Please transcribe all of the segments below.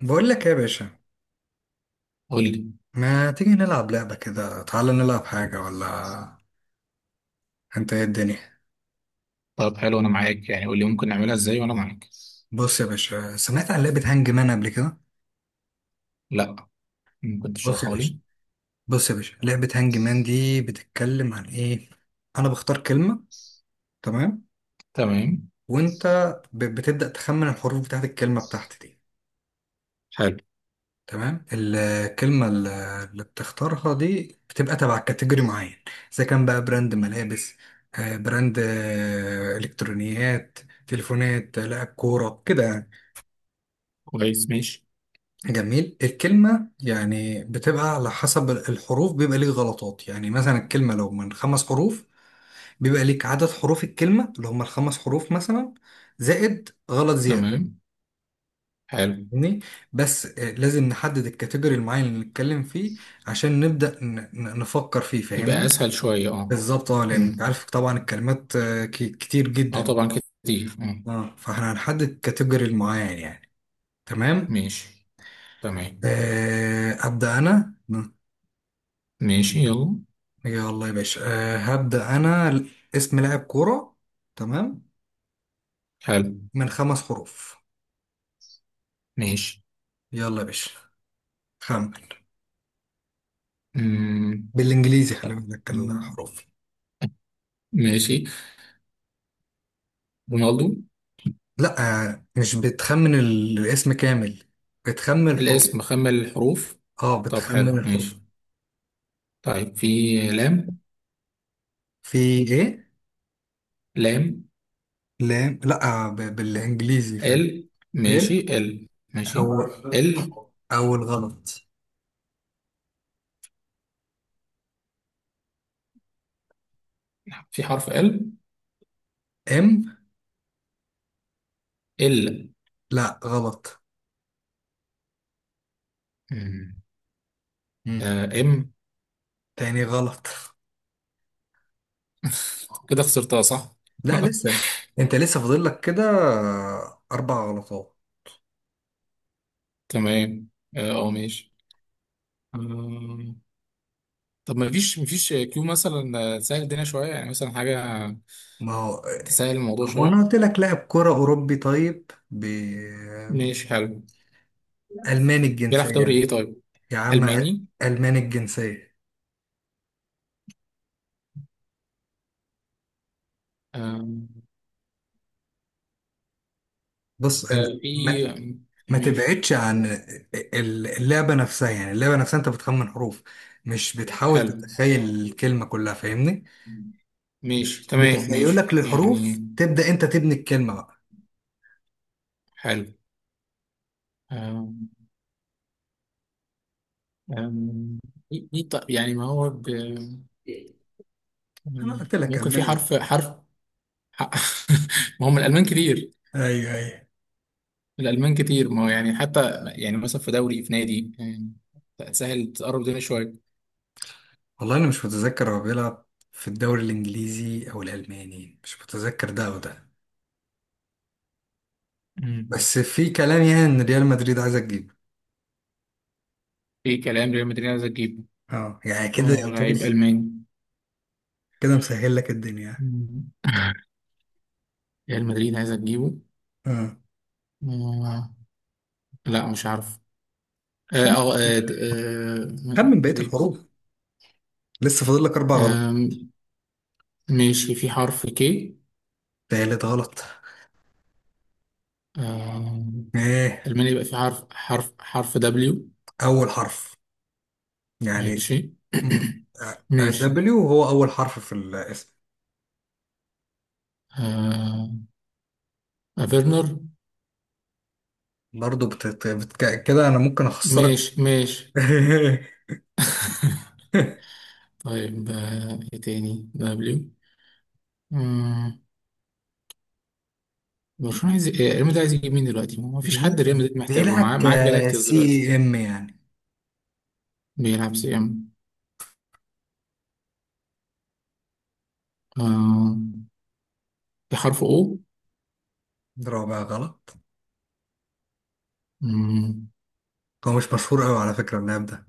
بقول لك إيه يا باشا؟ قول لي. ما تيجي نلعب لعبة كده؟ تعالى نلعب حاجة ولا؟ انت ايه الدنيا؟ طب حلو، انا معاك يعني، قول لي ممكن نعملها ازاي وانا معاك. بص يا باشا، سمعت عن لعبة هانج مان قبل كده؟ لا. ممكن بص يا تشرحها باشا لي؟ بص يا باشا، لعبة هانج مان دي بتتكلم عن ايه؟ انا بختار كلمة، تمام؟ تمام. وانت بتبدأ تخمن الحروف بتاعت الكلمة بتاعتي دي. حلو. تمام. الكلمة اللي بتختارها دي بتبقى تبع كاتيجوري معين. اذا كان بقى براند ملابس، براند، الكترونيات، تليفونات، لاعب كورة كده يعني. كويس، ماشي. جميل. الكلمة يعني بتبقى على حسب الحروف، بيبقى ليك غلطات. يعني مثلا الكلمة لو من خمس حروف، بيبقى ليك عدد حروف الكلمة اللي هم الخمس حروف مثلا، زائد غلط زيادة. تمام. حلو. فاهمني؟ بس لازم نحدد الكاتيجوري المعين اللي نتكلم فيه عشان نبدأ نفكر فيه. يبقى فاهمني؟ اسهل شويه، اه. بالظبط. اه، لأن انت امم. عارف طبعا الكلمات كتير جدا اه طبعا. يعني. كتير، اه. اه، فاحنا هنحدد الكاتيجوري المعين يعني. تمام. ماشي، تمام. أبدأ أنا. ماشي، يلا. يلا يا باشا، أه هبدأ أنا. اسم لاعب كورة. تمام. حلو. من خمس حروف. ماشي. يلا يا باشا، خمن. امم. بالإنجليزي خلي طب، بالك أمم، الحروف. ماشي، رونالدو. لا. أه، مش بتخمن الاسم كامل، بتخمن الحروف. الاسم مخمل الحروف. اه، طب بتخمن حلو، الحروف. ماشي. طيب، في لام؟ في إيه؟ لام. لا لا، بالإنجليزي، فاهم؟ ال، ماشي. إيه؟ ال، ماشي. أول. ال. أول غلط. في حرف ال؟ إم. ال. لا، غلط. مم. مم. آه ام تاني غلط. كده خسرتها، صح؟ لا، لسه. أنت لسه فاضل لك كده أربع غلطات. تمام. ماشي آه طب، ما فيش كيو مثلا، تسهل الدنيا شويه يعني، مثلا حاجه. ما هو، تسهل الموضوع هو شويه. انا قلت لك لاعب كرة اوروبي. طيب بالماني ماشي، حلو. بيلعب في دوري الجنسية. ايه طيب؟ يا عم. الماني. الماني الجنسية. آه بص أنت. في. ما, ما ماشي تبعدش عن اللعبة نفسها. يعني اللعبة نفسها انت بتخمن حروف، مش بتحاول حلو. تتخيل الكلمة كلها، فاهمني؟ ماشي، تمام، ماشي بتخيلك يعني. للحروف تبدأ انت تبني الكلمة بقى. حلو. آه آه، إيه طيب؟ يعني ما هو انا مم. قلت لك ممكن في الماني. حرف. ح- ما هم الألمان كتير. ايوه ايوه. الألمان كتير، ما هو يعني، حتى يعني مثلا في دوري في نادي يعني، سهل تقرب الدنيا شوية. والله انا مش متذكر هو بيلعب في الدوري الانجليزي او الالماني، مش متذكر ده او ده. مم. بس في كلام يعني ان ريال مدريد عايزه تجيبه. في كلام ريال مدريد عايز تجيبه. اه يعني كده اه، يعتبر. لعيب ألماني. كده مسهل لك الدنيا. مم. ريال مدريد عايز تجيبه. اه. آه، لا، مش عارف. خم خمن مش بقية ديفيز. الحروف. لسه فاضل لك اربع غلط. آم، ماشي. في حرف كي؟ تالت غلط. ايه؟ ألمانيا، يبقى في حرف دبليو. اول حرف يعني. ماشي. مم. ماشي. دبليو هو اول حرف في الاسم. آه، افيرنر. برضه، كده انا ممكن اخسرك. ماشي، ماشي. طيب، ايه تاني دبليو؟ مم. برشلونة عايز إيه؟ ريال مدريد عايز يجيب مين دلوقتي؟ ما فيش حد بي... ريال مدريد محتاجه. معاه بيلعب معاه جالاكتيوس دلوقتي. كسي ام يعني. بيلعب سي ام. آه، في حرف او؟ رابع غلط. مم. هو مش مشهور قوي على فكرة اللاعب ده.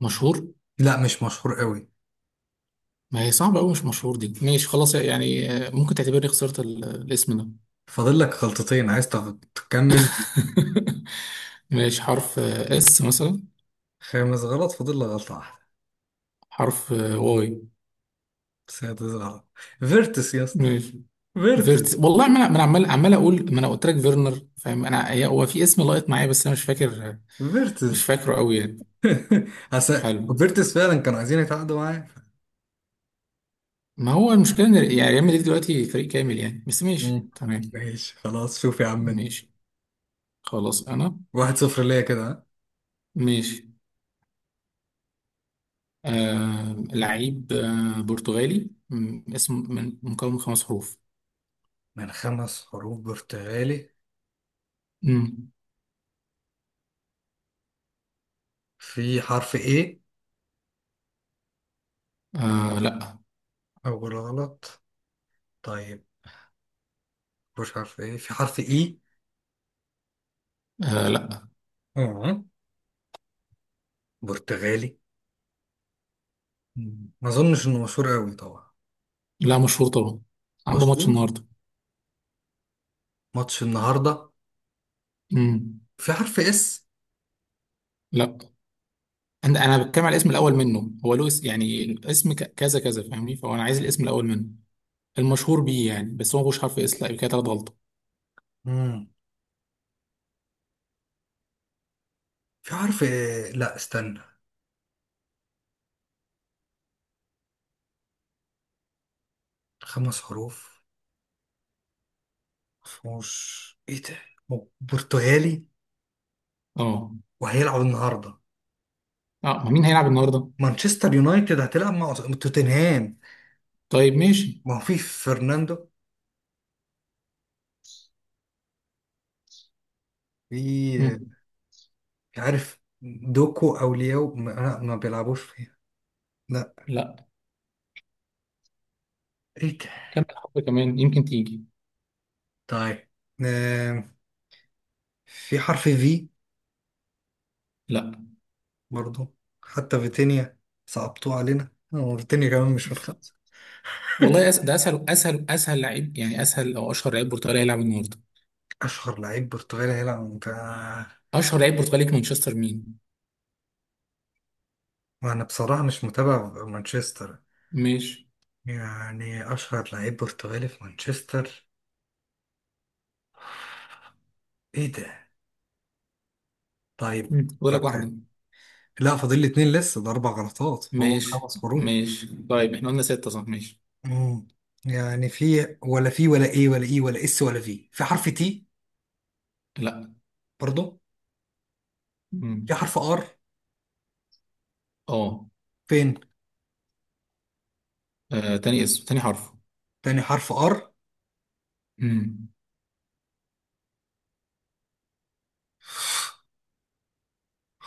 مشهور؟ لا، مش مشهور قوي. ما هي صعبة أوي، مش مشهور دي. ماشي خلاص يعني، ممكن تعتبرني خسرت الاسم ده. فاضل لك غلطتين، عايز تكمل؟ ماشي، حرف اس مثلا. خامس غلط. فاضل لك غلطة واحدة. حرف واي. بس هي دي غلط. فيرتس يا اسطى! ماشي. فيرتس. فيرتس، والله ما أنا عمال عمال اقول، ما انا قلت لك فيرنر، فاهم؟ انا هو في اسم لايط معايا بس انا مش فاكر. مش فيرتس. فاكره قوي يعني. هس- حلو. فيرتس فعلا كانوا عايزين يتعاقدوا معايا. ما هو المشكله ان، يعني ريال مدريد دلوقتي فريق كامل يعني، بس ماشي مم. تمام. ماشي خلاص. شوف يا عم انت، ماشي. خلاص انا. 1-0 ليا كده، ها؟ ماشي. لعيب برتغالي، اسم من مكون من خمس حروف. من خمس حروف، برتغالي. مم. في حرف ايه؟ لا. اول غلط. طيب، مش حرف ايه، في حرف اي؟ لا. اه. برتغالي. مم. ما اظنش انه مشهور قوي طبعا. لا، مشهور طبعا. عنده ماتش مشهور. النهارده. ماتش النهارده. مم. في حرف اس؟ لا، انا بتكلم على الاسم الاول منه. هو له اسم يعني، الاسم كذا كذا، فاهمني؟ فهو انا عايز الاسم الاول منه، المشهور بيه يعني. بس هو مش حرف اس، لا؟ يبقى كده تلات غلطه. مم. في حرف إيه؟ لا استنى. خمس حروف، مفهوش ايه ده. برتغالي اه. وهيلعب النهارده. اه ما، مين هيلعب النهارده؟ مانشستر يونايتد هتلعب مع توتنهام. طيب، ماشي. ما هو في فرناندو. مم. في. مش عارف دوكو او لياو، ما, لا، ما بيلعبوش فيها. لا. لا. ايه ده؟ كمل حرف كمان يمكن تيجي. طيب. آم، في حرف في. لا. برضو. حتى فيتينيا. صعبتوه علينا. هو فيتينيا كمان مش من خمسة. والله ده اسهل لعيب يعني، اسهل او اشهر لعيب برتغالي هيلعب النهارده. اشهر لعيب برتغالي هيلعب في. اشهر لعيب برتغالي في مانشستر مين؟ وانا بصراحة مش متابع مانشستر. ماشي. يعني اشهر لعيب برتغالي في مانشستر؟ ايه ده؟ طيب. مم. بقول طب لك حلو. واحده. لا، فاضل لي اتنين لسه، ده اربع غلطات، هو ماشي، خمس حروف. ماشي. طيب، احنا قلنا سته، صح؟ ماشي. امم. يعني في ولا في ولا ايه ولا ايه ولا اس، ولا في، في حرف تي؟ لا. برضو. في مم. حرف ار؟ اه، فين؟ تاني اسم، تاني حرف. تاني حرف ار. امم.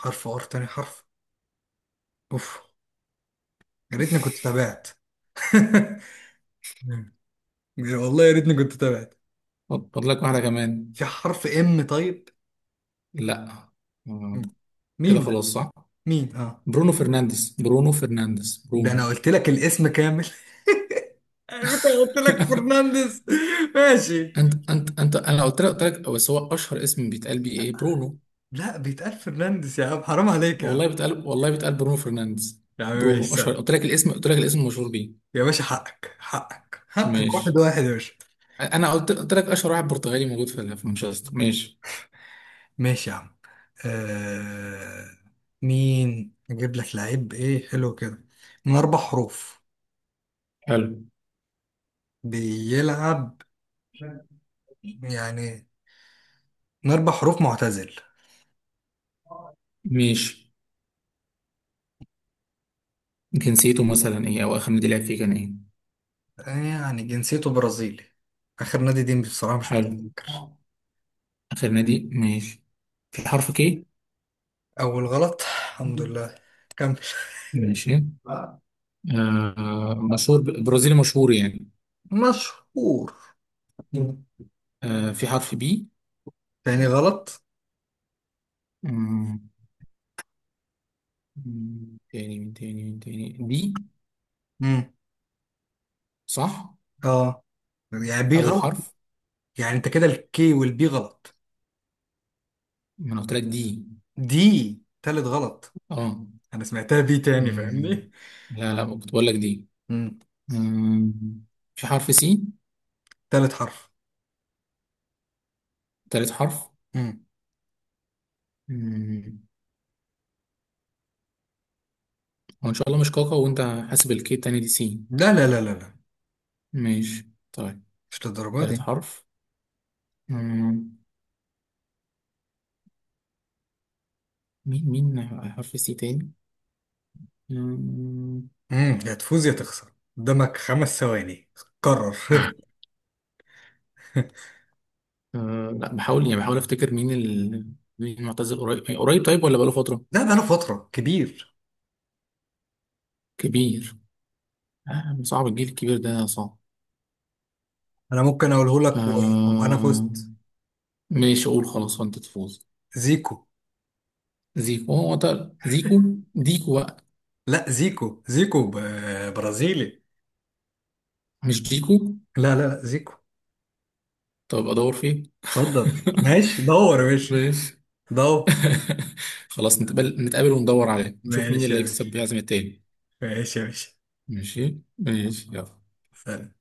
حرف ار تاني حرف. اوف! يا ريتني كنت تابعت. مم. والله يا ريتني كنت تابعت. فاضل لك واحدة كمان. في حرف ام طيب؟ لا. آه، مم. مين كده ده؟ خلاص، صح. مين؟ اه. برونو فرنانديز، برونو فرنانديز، ده انا برونو. قلت لك الاسم كامل. على فكرة قلت لك فرنانديز. ماشي. انت، انا قلت لك، بس هو اشهر اسم بيتقال بيه ايه؟ برونو. لا، بيتقال فرنانديز يا عم، حرام عليك يا عم. والله بيتقال، والله بيتقال برونو فرنانديز. يا عم ماشي، برونو اشهر. سلام. قلت لك الاسم، قلت لك الاسم المشهور بيه. يا باشا، حقك حقك حقك، واحد ماشي. واحد يا باشا. انا قلت لك اشهر واحد برتغالي موجود في مانشستر، ماشي. ماشي يا عم. آه... مين اجيب لك؟ لعيب، ايه حلو كده، من اربع حروف، حلو. بيلعب يعني. من اربع حروف، معتزل. ماشي. جنسيته مثلا ايه، او اخر نادي لعب فيه كان ايه؟ يعني جنسيته برازيلي. اخر نادي دي بصراحة مش حلو متذكر. آه. اخر نادي، ماشي. في حرف كي؟ أول غلط، الحمد لله. كمل. ماشي. مشهور برازيلي مشهور يعني. مشهور. مم. في حرف بي؟ تاني غلط. مم، مم. تاني دي. مم. صح. اه. يعني بي أول غلط؟ حرف. يعني انت كده الكي والبي غلط؟ ما أنا قلت لك دي. دي. تالت غلط. اه. انا سمعتها بي تاني، مم. فاهمني؟ لا، لا، كنت بقول لك دي. مم. مم. في حرف سي؟ تالت حرف. تالت حرف. مم. مم. هو إن شاء الله مش كاكا، وأنت؟ حاسب، الكي التاني دي سي. لا لا لا لا لا. ماشي طيب. مش للدرجه تالت دي. حرف. مم. مين، مين؟ حرف سي تاني. مم. يا تفوز يا تخسر. قدامك 5 ثواني، قرر. لا، بحاول يعني بحاول افتكر مين مين المعتزل؟ قريب قريب طيب، ولا بقاله فترة؟ لا بقى انا فتره كبير. كبير. صعب، الجيل الكبير ده صعب. انا ممكن اقوله لك وابقى انا آه. فزت. ماشي، اقول خلاص وانت تفوز. زيكو. زيكو؟ هو ده زيكو؟ ديكو بقى. لا، زيكو، برازيلي. مش ديكو؟ لا لا لا، زيكو. طب ادور فين؟ اتفضل ماشي، دور يا باشا. ماشي. دور. خلاص، نتقابل وندور عليه، نشوف مين ماشي اللي يا باشا. هيكسب بيعزم التاني. ماشي يا باشا. ماشي، ماشي، طيب، يلا. سلام.